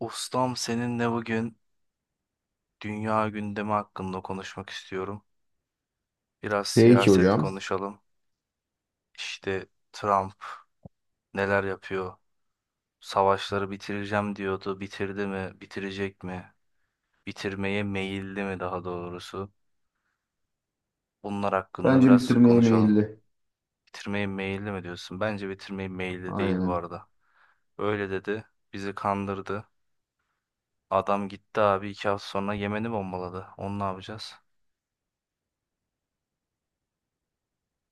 Ustam seninle bugün dünya gündemi hakkında konuşmak istiyorum. Biraz Peki siyaset hocam. konuşalım. İşte Trump neler yapıyor? Savaşları bitireceğim diyordu. Bitirdi mi? Bitirecek mi? Bitirmeye meyilli mi daha doğrusu? Bunlar hakkında Bence biraz bitirmeye konuşalım. meyilli. Bitirmeye meyilli mi diyorsun? Bence bitirmeye meyilli değil bu Aynen. arada. Öyle dedi. Bizi kandırdı. Adam gitti abi 2 hafta sonra Yemen'i bombaladı. Onu ne yapacağız?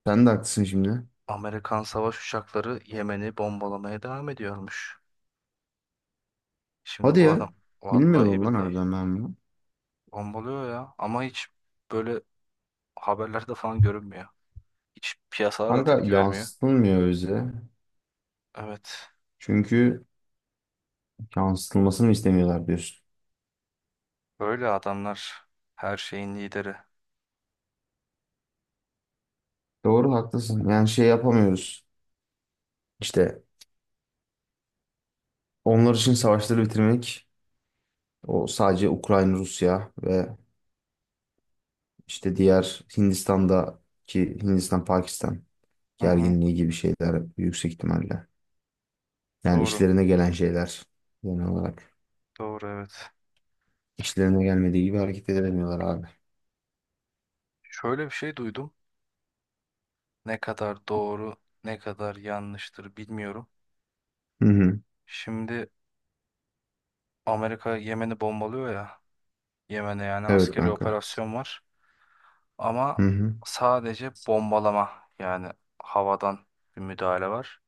Sen de haklısın şimdi. Amerikan savaş uçakları Yemen'i bombalamaya devam ediyormuş. Şimdi Hadi bu ya. adam vallahi Bilmiyordum lan billahi harbiden ben bunu. bombalıyor ya ama hiç böyle haberlerde falan görünmüyor. Hiç piyasalar da Kanka tepki vermiyor. yansıtılmıyor bize. Evet. Çünkü yansıtılmasını istemiyorlar diyorsun. Böyle adamlar her şeyin lideri. Doğru haklısın. Yani şey yapamıyoruz. İşte onlar için savaşları bitirmek o sadece Ukrayna, Rusya ve işte diğer Hindistan'daki Hindistan, Pakistan Hı hı. gerginliği gibi şeyler yüksek ihtimalle. Yani Doğru. işlerine gelen şeyler genel olarak. Doğru, evet. İşlerine gelmediği gibi hareket edemiyorlar abi. Şöyle bir şey duydum. Ne kadar doğru, ne kadar yanlıştır bilmiyorum. Hı hı. Şimdi Amerika Yemen'i bombalıyor ya. Yemen'e yani Evet askeri kanka. operasyon var. Ama Hı hı. sadece bombalama, yani havadan bir müdahale var.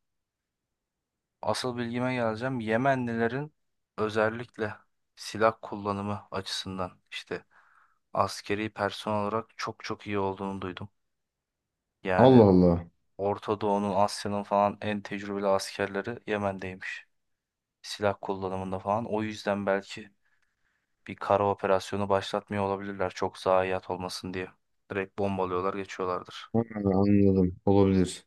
Asıl bilgime geleceğim. Yemenlilerin özellikle silah kullanımı açısından işte askeri personel olarak çok çok iyi olduğunu duydum. Yani Allah Allah. Orta Doğu'nun, Asya'nın falan en tecrübeli askerleri Yemen'deymiş. Silah kullanımında falan. O yüzden belki bir kara operasyonu başlatmıyor olabilirler. Çok zayiat olmasın diye. Direkt bombalıyorlar, geçiyorlardır. Ha, anladım. Olabilir.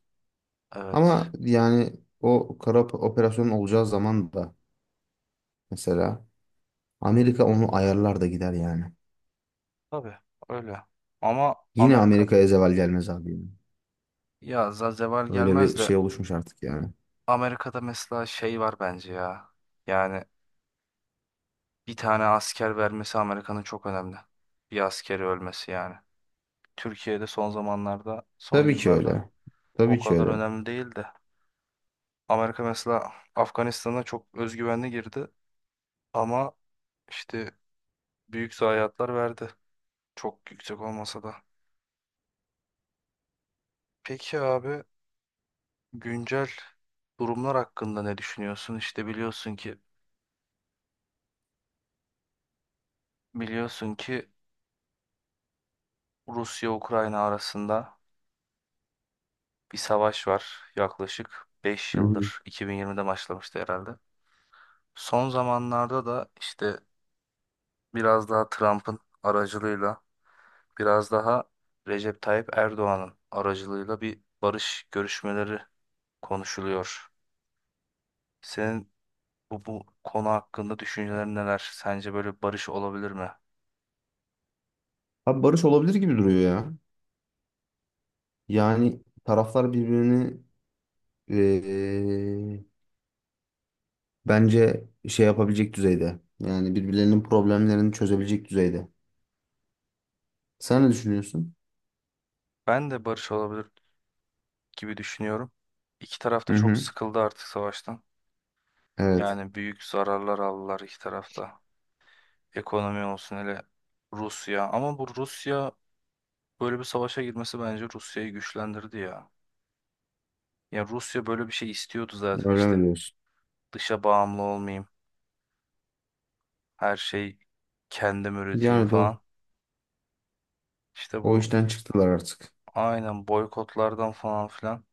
Evet. Ama yani operasyon olacağı zaman da mesela Amerika onu ayarlar da gider yani. Tabii öyle. Ama Yine Amerika Amerika'ya zeval gelmez abi, yani. ya Zazeval Öyle gelmez bir de şey oluşmuş artık yani. Amerika'da mesela şey var bence ya. Yani bir tane asker vermesi Amerika'nın çok önemli. Bir askeri ölmesi yani. Türkiye'de son zamanlarda, son Tabii ki yıllarda öyle. o Tabii ki kadar öyle. önemli değil de. Amerika mesela Afganistan'a çok özgüvenli girdi ama işte büyük zayiatlar verdi. Çok yüksek olmasa da. Peki abi, güncel durumlar hakkında ne düşünüyorsun? İşte biliyorsun ki Rusya-Ukrayna arasında bir savaş var, yaklaşık beş Hı hı. yıldır 2020'de başlamıştı herhalde. Son zamanlarda da işte biraz daha Trump'ın aracılığıyla, biraz daha Recep Tayyip Erdoğan'ın aracılığıyla bir barış görüşmeleri konuşuluyor. Senin bu konu hakkında düşüncelerin neler? Sence böyle barış olabilir mi? Abi barış olabilir gibi duruyor ya. Yani taraflar birbirini eee, bence şey yapabilecek düzeyde. Yani birbirlerinin problemlerini çözebilecek düzeyde. Sen ne düşünüyorsun? Ben de barış olabilir gibi düşünüyorum. İki taraf da Hı çok hı. sıkıldı artık savaştan. Evet. Yani büyük zararlar aldılar iki tarafta. Ekonomi olsun, hele Rusya. Ama bu Rusya böyle bir savaşa girmesi bence Rusya'yı güçlendirdi ya. Ya Rusya böyle bir şey istiyordu zaten, Öyle mi işte diyorsun? dışa bağımlı olmayayım, her şey kendim üreteyim Yani doğru. falan. İşte O bu işten çıktılar artık. aynen boykotlardan falan filan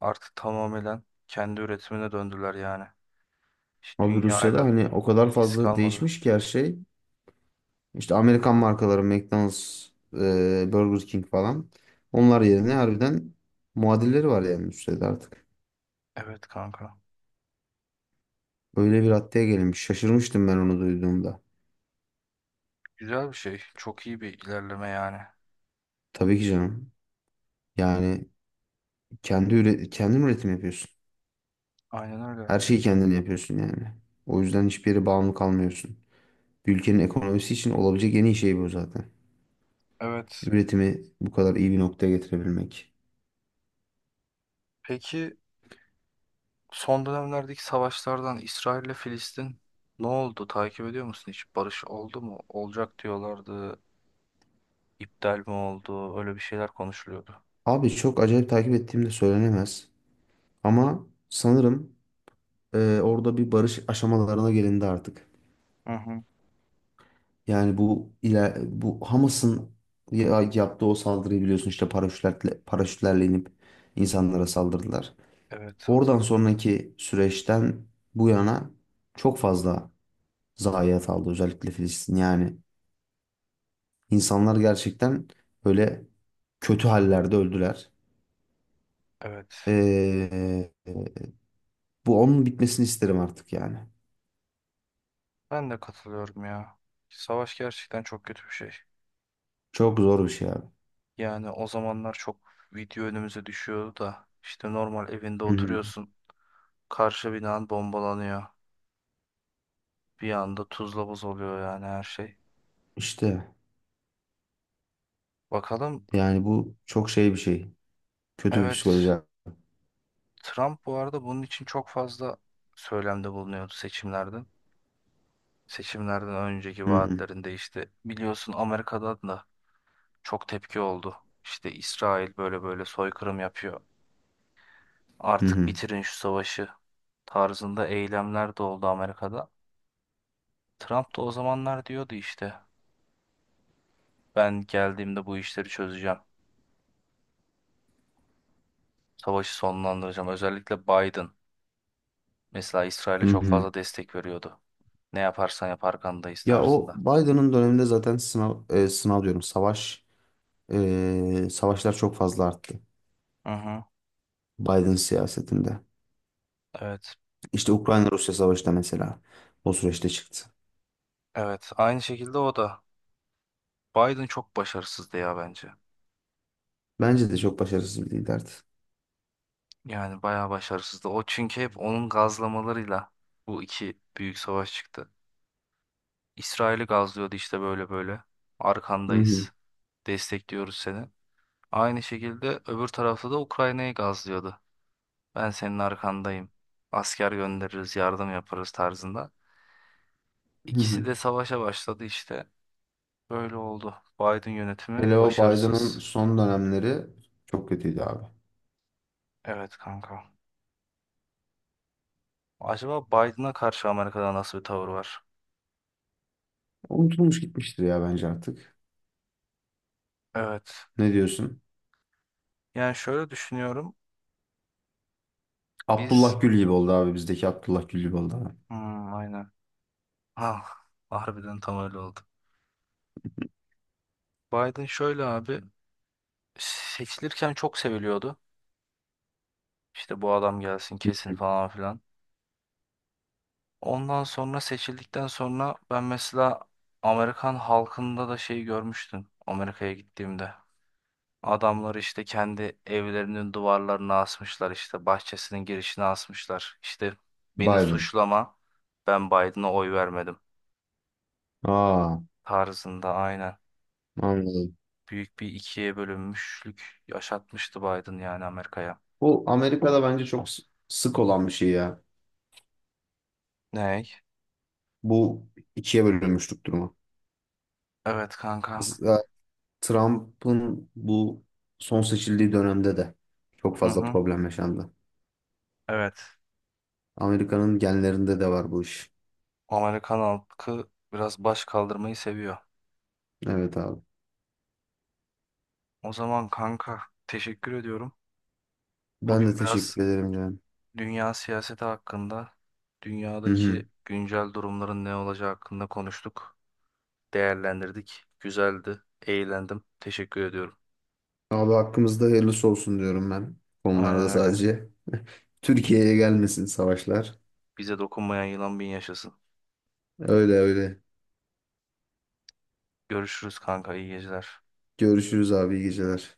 artık tamamen kendi üretimine döndüler yani. Hiç Abi Rusya'da dünyayla hani o kadar ilgisi fazla kalmadı. değişmiş ki her şey. İşte Amerikan markaları McDonald's, Burger King falan. Onlar yerine harbiden muadilleri var yani Rusya'da artık. Evet, kanka. Öyle bir haddeye gelinmiş. Şaşırmıştım ben onu duyduğumda. Güzel bir şey. Çok iyi bir ilerleme yani. Tabii ki canım. Yani kendin üretim yapıyorsun. Aynen öyle. Her şeyi kendin yapıyorsun yani. O yüzden hiçbir yere bağımlı kalmıyorsun. Bir ülkenin ekonomisi için olabilecek en iyi şey bu zaten. Evet. Üretimi bu kadar iyi bir noktaya getirebilmek. Peki son dönemlerdeki savaşlardan İsrail ile Filistin ne oldu? Takip ediyor musun hiç? Barış oldu mu? Olacak diyorlardı. İptal mi oldu? Öyle bir şeyler konuşuluyordu. Abi çok acayip takip ettiğim de söylenemez. Ama sanırım orada bir barış aşamalarına gelindi artık. Hı hı. Yani bu Hamas'ın yaptığı o saldırıyı biliyorsun, işte paraşütlerle, paraşütlerle inip insanlara saldırdılar. Evet, Oradan hatırlıyorum. sonraki süreçten bu yana çok fazla zayiat aldı özellikle Filistin. Yani insanlar gerçekten böyle kötü hallerde öldüler. Evet. Ee, Bu onun bitmesini isterim artık yani. Ben de katılıyorum ya. Savaş gerçekten çok kötü bir şey. Çok zor bir şey abi. Yani o zamanlar çok video önümüze düşüyordu da işte normal evinde Hı hı. oturuyorsun. Karşı binan bombalanıyor. Bir anda tuzla buz oluyor yani her şey. İşte Bakalım. yani bu çok şey bir şey. Kötü bir Evet, psikoloji abi. Trump bu arada bunun için çok fazla söylemde bulunuyordu seçimlerden. Seçimlerden önceki Hı hı. vaatlerinde işte biliyorsun Amerika'dan da çok tepki oldu. İşte İsrail böyle böyle soykırım yapıyor. Hı Artık hı. bitirin şu savaşı tarzında eylemler de oldu Amerika'da. Trump da o zamanlar diyordu işte ben geldiğimde bu işleri çözeceğim. Savaşı sonlandıracağım. Özellikle Biden mesela İsrail'e Hı çok hı. fazla destek veriyordu. Ne yaparsan yap arkandayız Ya o tarzında. Biden'ın döneminde zaten sınav e, sınav diyorum savaş, savaşlar çok fazla arttı. Hı hı. Biden siyasetinde. Evet. İşte Ukrayna-Rusya savaşı da mesela o süreçte çıktı. Evet, aynı şekilde o da. Biden çok başarısızdı ya bence. Bence de çok başarısız bir liderdi. Yani bayağı başarısızdı. O çünkü hep onun gazlamalarıyla bu iki büyük savaş çıktı. İsrail'i gazlıyordu işte böyle böyle. Hı hı. Arkandayız. Destekliyoruz seni. Aynı şekilde öbür tarafta da Ukrayna'yı gazlıyordu. Ben senin arkandayım. Asker göndeririz, yardım yaparız tarzında. Hı İkisi hı. de savaşa başladı işte. Böyle oldu. Biden yönetimi Hele o Biden'ın başarısız. son dönemleri çok kötüydü abi. Evet kanka. Acaba Biden'a karşı Amerika'da nasıl bir tavır var? Unutulmuş gitmiştir ya bence artık. Evet. Ne diyorsun? Yani şöyle düşünüyorum. Abdullah Biz Gül gibi oldu abi. Bizdeki Abdullah Gül gibi oldu abi. hmm, aynen. Ah, harbiden tam öyle oldu. Biden şöyle abi, seçilirken çok seviliyordu. İşte bu adam gelsin kesin falan filan. Ondan sonra seçildikten sonra ben mesela Amerikan halkında da şeyi görmüştüm Amerika'ya gittiğimde. Adamlar işte kendi evlerinin duvarlarına asmışlar, işte bahçesinin girişine asmışlar. İşte beni Biden. suçlama, ben Biden'a oy vermedim Aa, tarzında, aynen. anladım. Büyük bir ikiye bölünmüşlük yaşatmıştı Biden yani Amerika'ya. Bu Amerika'da bence sık olan bir şey ya. Ney? Bu ikiye bölünmüşlük durumu. Evet, kanka. Mesela Trump'ın bu son seçildiği dönemde de çok Hı fazla hı. problem yaşandı. Evet. Amerika'nın genlerinde de var bu iş. Amerikan halkı biraz baş kaldırmayı seviyor. Evet abi. O zaman kanka teşekkür ediyorum. Ben de Bugün biraz teşekkür ederim canım. dünya siyaseti hakkında, Hı dünyadaki hı. güncel durumların ne olacağı hakkında konuştuk, değerlendirdik. Güzeldi, eğlendim. Teşekkür ediyorum. Abi hakkımızda hayırlısı olsun diyorum ben. Aynen Konularda öyle. sadece. Türkiye'ye gelmesin savaşlar. Bize dokunmayan yılan bin yaşasın. Öyle öyle. Görüşürüz kanka, iyi geceler. Görüşürüz abi, iyi geceler.